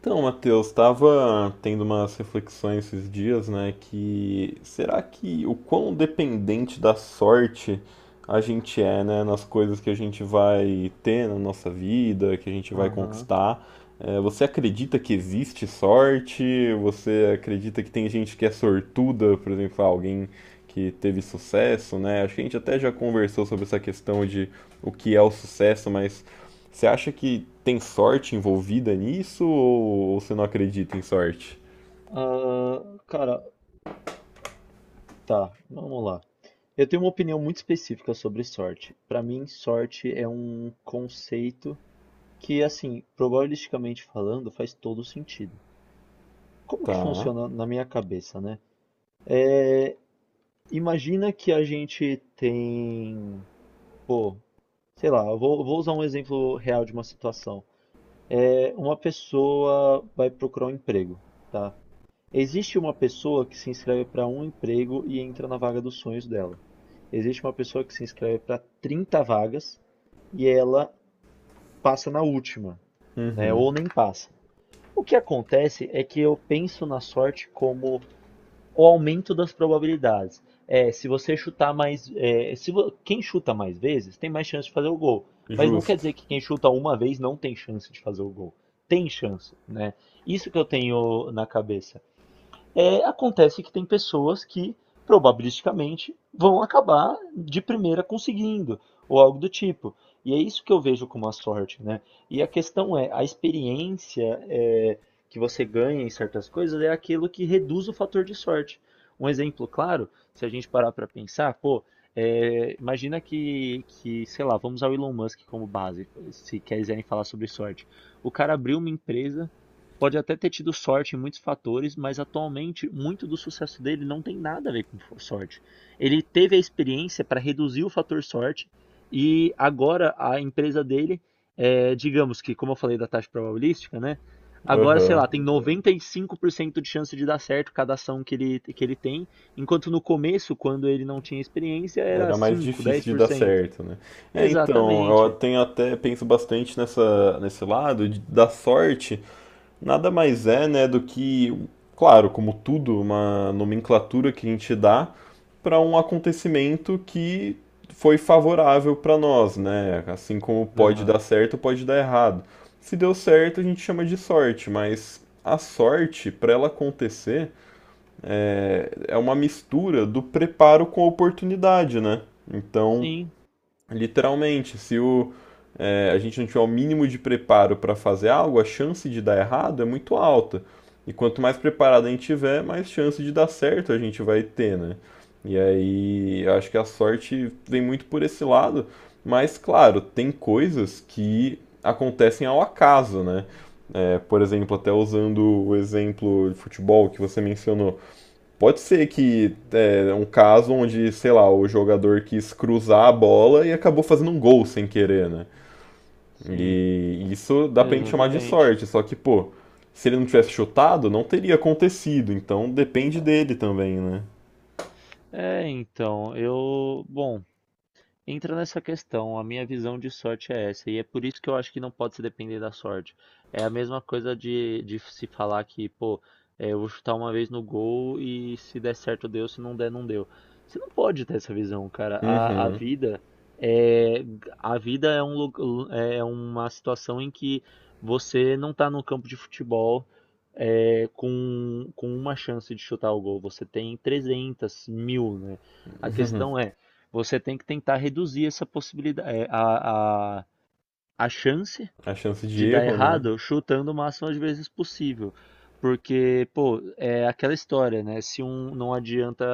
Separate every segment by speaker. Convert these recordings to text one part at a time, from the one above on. Speaker 1: Então, Matheus, estava tendo umas reflexões esses dias, né, que será que o quão dependente da sorte a gente é, né, nas coisas que a gente vai ter na nossa vida, que a gente vai
Speaker 2: Aham.
Speaker 1: conquistar? Você acredita que existe sorte? Você acredita que tem gente que é sortuda, por exemplo, ah, alguém que teve sucesso, né? Acho que a gente até já conversou sobre essa questão de o que é o sucesso, mas você acha que tem sorte envolvida nisso ou você não acredita em sorte?
Speaker 2: Ah, cara, tá, vamos lá. Eu tenho uma opinião muito específica sobre sorte. Pra mim, sorte é um conceito que, assim, probabilisticamente falando, faz todo sentido. Como que
Speaker 1: Tá.
Speaker 2: funciona na minha cabeça, né? Imagina que a gente tem, pô, sei lá, eu vou usar um exemplo real de uma situação. Uma pessoa vai procurar um emprego, tá? Existe uma pessoa que se inscreve para um emprego e entra na vaga dos sonhos dela. Existe uma pessoa que se inscreve para 30 vagas e ela passa na última, né?
Speaker 1: Uhum.
Speaker 2: Ou nem passa. O que acontece é que eu penso na sorte como o aumento das probabilidades. Se você chutar mais, é, se vo- quem chuta mais vezes tem mais chance de fazer o gol. Mas não quer
Speaker 1: Justo.
Speaker 2: dizer que quem chuta uma vez não tem chance de fazer o gol. Tem chance, né? Isso que eu tenho na cabeça. Acontece que tem pessoas que probabilisticamente vão acabar de primeira conseguindo, ou algo do tipo. E é isso que eu vejo como a sorte, né? E a questão é, a experiência que você ganha em certas coisas é aquilo que reduz o fator de sorte. Um exemplo claro, se a gente parar para pensar, pô, imagina que, sei lá, vamos ao Elon Musk como base, se quiserem falar sobre sorte. O cara abriu uma empresa, pode até ter tido sorte em muitos fatores, mas atualmente muito do sucesso dele não tem nada a ver com sorte. Ele teve a experiência para reduzir o fator sorte e agora a empresa dele, é, digamos que, como eu falei da taxa probabilística, né? Agora, sei
Speaker 1: Aham.
Speaker 2: lá, tem 95% de chance de dar certo cada ação que ele tem, enquanto no começo, quando ele não tinha experiência, era
Speaker 1: Era mais
Speaker 2: 5,
Speaker 1: difícil de dar
Speaker 2: 10%.
Speaker 1: certo, né? Então, eu
Speaker 2: Exatamente.
Speaker 1: tenho até penso bastante nesse lado da sorte. Nada mais é, né, do que, claro, como tudo, uma nomenclatura que a gente dá para um acontecimento que foi favorável para nós, né? Assim como pode
Speaker 2: Aham.
Speaker 1: dar certo, pode dar errado. Se deu certo, a gente chama de sorte, mas a sorte, para ela acontecer, é uma mistura do preparo com a oportunidade, né? Então,
Speaker 2: Sim,
Speaker 1: literalmente, se o, é, a gente não tiver o mínimo de preparo para fazer algo, a chance de dar errado é muito alta. E quanto mais preparado a gente tiver, mais chance de dar certo a gente vai ter, né? E aí, eu acho que a sorte vem muito por esse lado, mas claro, tem coisas que acontecem ao acaso, né? Por exemplo, até usando o exemplo de futebol que você mencionou. Pode ser que é um caso onde, sei lá, o jogador quis cruzar a bola e acabou fazendo um gol sem querer, né?
Speaker 2: sim,
Speaker 1: E isso dá pra gente chamar de
Speaker 2: exatamente.
Speaker 1: sorte, só que, pô, se ele não tivesse chutado, não teria acontecido, então depende dele também, né?
Speaker 2: É, então, eu. Bom. Entra nessa questão, a minha visão de sorte é essa, e é por isso que eu acho que não pode se depender da sorte. É a mesma coisa de se falar que, pô, eu vou chutar uma vez no gol e se der certo deu, se não der, não deu. Você não pode ter essa visão, cara. A
Speaker 1: Uhum.
Speaker 2: vida é, a vida é, é é uma situação em que você não tá no campo de futebol, é, com uma chance de chutar o gol. Você tem 300, mil, né? A
Speaker 1: Uhum.
Speaker 2: questão é. Você tem que tentar reduzir essa possibilidade, é, a chance
Speaker 1: A chance de
Speaker 2: de dar
Speaker 1: erro, né?
Speaker 2: errado chutando o máximo de vezes possível. Porque, pô, é aquela história, né? Se um não adianta,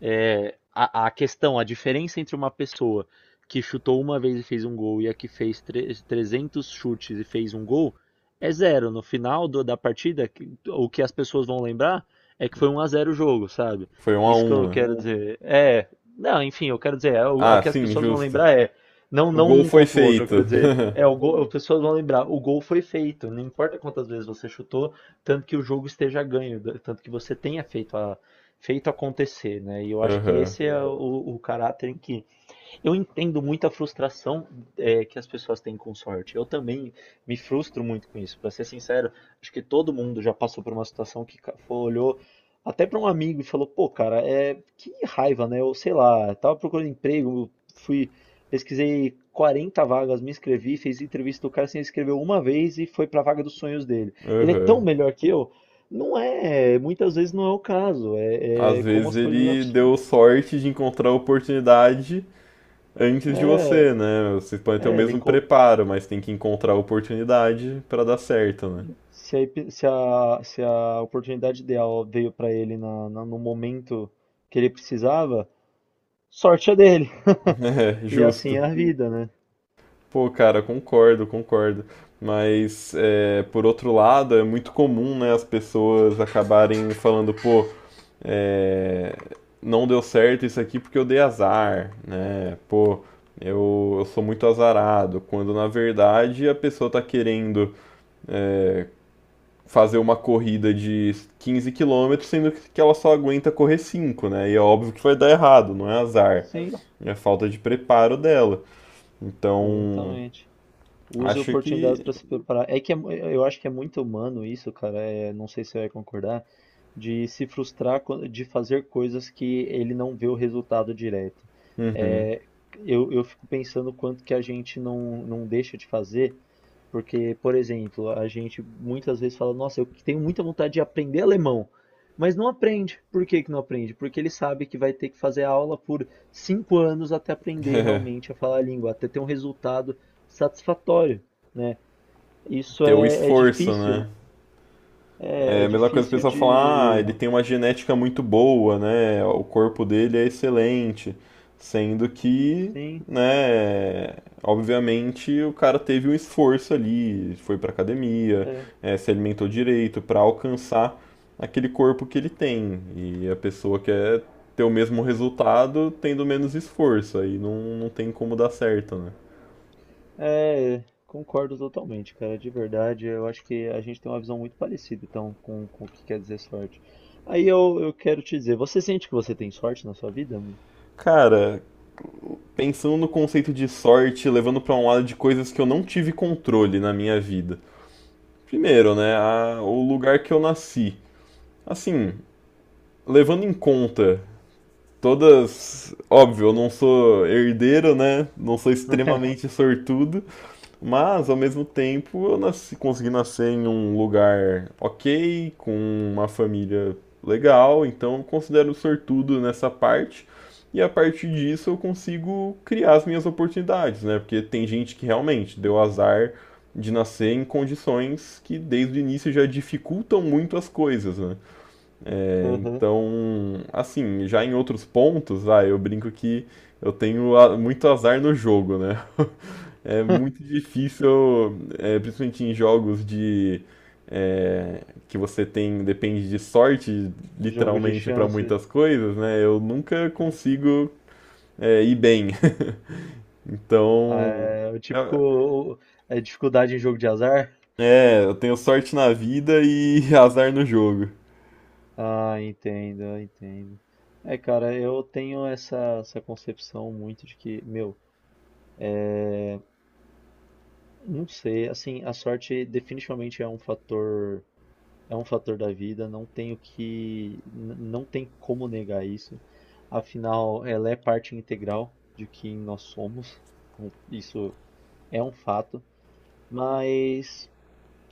Speaker 2: é, a, a diferença entre uma pessoa que chutou uma vez e fez um gol e a que fez 300 chutes e fez um gol é zero. No final da partida, o que as pessoas vão lembrar é que foi um a zero o jogo, sabe?
Speaker 1: Foi um a
Speaker 2: Isso que eu
Speaker 1: um, né?
Speaker 2: quero dizer. É, não, enfim, eu quero dizer, é, o
Speaker 1: Ah,
Speaker 2: que as
Speaker 1: sim,
Speaker 2: pessoas vão
Speaker 1: justo.
Speaker 2: lembrar é não,
Speaker 1: O
Speaker 2: não
Speaker 1: gol
Speaker 2: um
Speaker 1: foi
Speaker 2: contra o outro, eu
Speaker 1: feito.
Speaker 2: quero dizer, é o gol, as pessoas vão lembrar, o gol foi feito, não importa quantas vezes você chutou, tanto que o jogo esteja ganho, tanto que você tenha feito a, feito acontecer, né? E eu acho que
Speaker 1: Aham,
Speaker 2: esse é o caráter em que eu entendo muito a frustração, é, que as pessoas têm com sorte. Eu também me frustro muito com isso. Para ser sincero, acho que todo mundo já passou por uma situação que olhou até para um amigo e falou: pô, cara, é que raiva, né? Eu sei lá, tava procurando emprego, fui pesquisei 40 vagas, me inscrevi, fiz entrevista do cara, se inscreveu uma vez e foi para a vaga dos sonhos dele. Ele é
Speaker 1: aham.
Speaker 2: tão melhor que eu. Não é, muitas vezes não é o caso. É,
Speaker 1: Às
Speaker 2: é como
Speaker 1: vezes
Speaker 2: as coisas.
Speaker 1: ele deu sorte de encontrar a oportunidade antes de
Speaker 2: É,
Speaker 1: você, né? Vocês podem ter o
Speaker 2: é, ele
Speaker 1: mesmo
Speaker 2: encontrou.
Speaker 1: preparo, mas tem que encontrar a oportunidade pra dar certo, né?
Speaker 2: Se a, epi- se a, se a oportunidade ideal veio para ele na, no momento que ele precisava, sorte é dele.
Speaker 1: É,
Speaker 2: E assim é
Speaker 1: justo.
Speaker 2: a vida, né?
Speaker 1: Pô, cara, concordo, concordo. Mas, é, por outro lado, é muito comum, né, as pessoas acabarem falando, pô, é, não deu certo isso aqui porque eu dei azar, né? Pô, eu sou muito azarado. Quando, na verdade, a pessoa tá querendo é, fazer uma corrida de 15 km sendo que ela só aguenta correr 5, né? E é óbvio que vai dar errado, não é azar,
Speaker 2: Sim,
Speaker 1: é falta de preparo dela. Então,
Speaker 2: exatamente. Use
Speaker 1: acho
Speaker 2: oportunidades
Speaker 1: que.
Speaker 2: para se preparar. É que é mu- eu acho que é muito humano isso, cara. É, não sei se você vai concordar, de se frustrar, de fazer coisas que ele não vê o resultado direto.
Speaker 1: Uhum.
Speaker 2: É, eu fico pensando quanto que a gente não deixa de fazer. Porque, por exemplo, a gente muitas vezes fala, nossa, eu tenho muita vontade de aprender alemão, mas não aprende. Por que que não aprende? Porque ele sabe que vai ter que fazer aula por cinco anos até aprender realmente a falar a língua, até ter um resultado satisfatório, né? Isso
Speaker 1: Ter o esforço, né?
Speaker 2: é,
Speaker 1: É
Speaker 2: é
Speaker 1: a mesma coisa que o
Speaker 2: difícil
Speaker 1: pessoal fala, ah,
Speaker 2: de...
Speaker 1: ele tem uma genética muito boa, né? O corpo dele é excelente. Sendo que,
Speaker 2: Sim,
Speaker 1: né, obviamente o cara teve um esforço ali, foi pra academia,
Speaker 2: é,
Speaker 1: se alimentou direito pra alcançar aquele corpo que ele tem. E a pessoa quer ter o mesmo resultado tendo menos esforço, aí não tem como dar certo, né?
Speaker 2: é, concordo totalmente, cara, de verdade. Eu acho que a gente tem uma visão muito parecida, então, com o que quer dizer sorte. Aí eu quero te dizer, você sente que você tem sorte na sua vida, mano?
Speaker 1: Cara, pensando no conceito de sorte, levando pra um lado de coisas que eu não tive controle na minha vida. Primeiro, né, o lugar que eu nasci. Assim, levando em conta todas. Óbvio, eu não sou herdeiro, né? Não sou extremamente sortudo. Mas, ao mesmo tempo, eu nasci, consegui nascer em um lugar ok, com uma família legal, então eu considero sortudo nessa parte. E a partir disso eu consigo criar as minhas oportunidades, né? Porque tem gente que realmente deu azar de nascer em condições que desde o início já dificultam muito as coisas, né?
Speaker 2: Aham.
Speaker 1: Então, assim, já em outros pontos, vai, eu brinco que eu tenho muito azar no jogo, né? É muito difícil, é, principalmente em jogos de é, que você tem depende de sorte,
Speaker 2: Jogo de
Speaker 1: literalmente, para
Speaker 2: chance.
Speaker 1: muitas coisas, né? Eu nunca consigo ir bem.
Speaker 2: Ah,
Speaker 1: Então,
Speaker 2: é, o típico
Speaker 1: é,
Speaker 2: o- é dificuldade em jogo de azar.
Speaker 1: eu tenho sorte na vida e azar no jogo.
Speaker 2: Ah, entendo, eu entendo. É, cara, eu tenho essa concepção muito de que, meu, não sei, assim, a sorte definitivamente é um fator. É um fator da vida, não tenho que, não tem como negar isso. Afinal, ela é parte integral de quem nós somos. Isso é um fato. Mas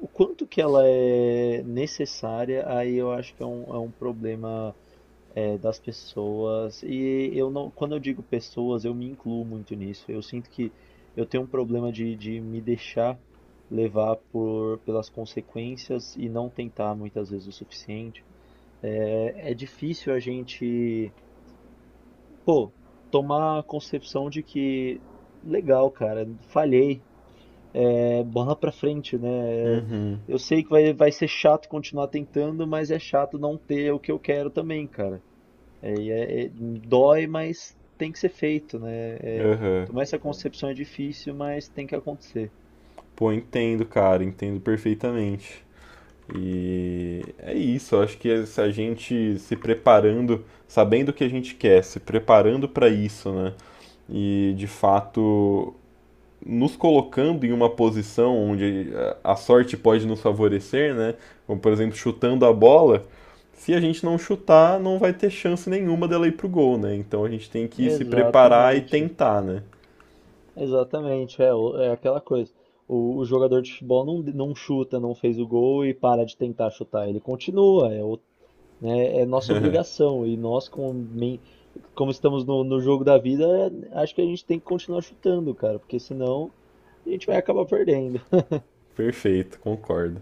Speaker 2: o quanto que ela é necessária, aí eu acho que é um problema, é, das pessoas. E eu não, quando eu digo pessoas, eu me incluo muito nisso. Eu sinto que eu tenho um problema de me deixar levar por, pelas consequências e não tentar muitas vezes o suficiente. É, é difícil a gente, pô, tomar a concepção de que, legal, cara, falhei, é bola pra frente, né?
Speaker 1: Uhum,
Speaker 2: Eu sei que vai ser chato continuar tentando, mas é chato não ter o que eu quero também, cara. É, e dói, mas tem que ser feito, né? É,
Speaker 1: aham.
Speaker 2: tomar essa Uhum. concepção é difícil, mas tem que acontecer.
Speaker 1: Pô, entendo, cara, entendo perfeitamente. E é isso, eu acho que é se a gente se preparando, sabendo o que a gente quer, se preparando para isso, né? E de fato nos colocando em uma posição onde a sorte pode nos favorecer, né? Como por exemplo, chutando a bola, se a gente não chutar, não vai ter chance nenhuma dela ir pro gol, né? Então a gente tem que se preparar e
Speaker 2: Exatamente.
Speaker 1: tentar, né?
Speaker 2: Exatamente, é, é aquela coisa. O jogador de futebol não chuta, não fez o gol e para de tentar chutar. Ele continua, é, né, é nossa obrigação. E nós, como, como estamos no, no jogo da vida, é, acho que a gente tem que continuar chutando, cara, porque senão a gente vai acabar perdendo.
Speaker 1: Perfeito, concordo.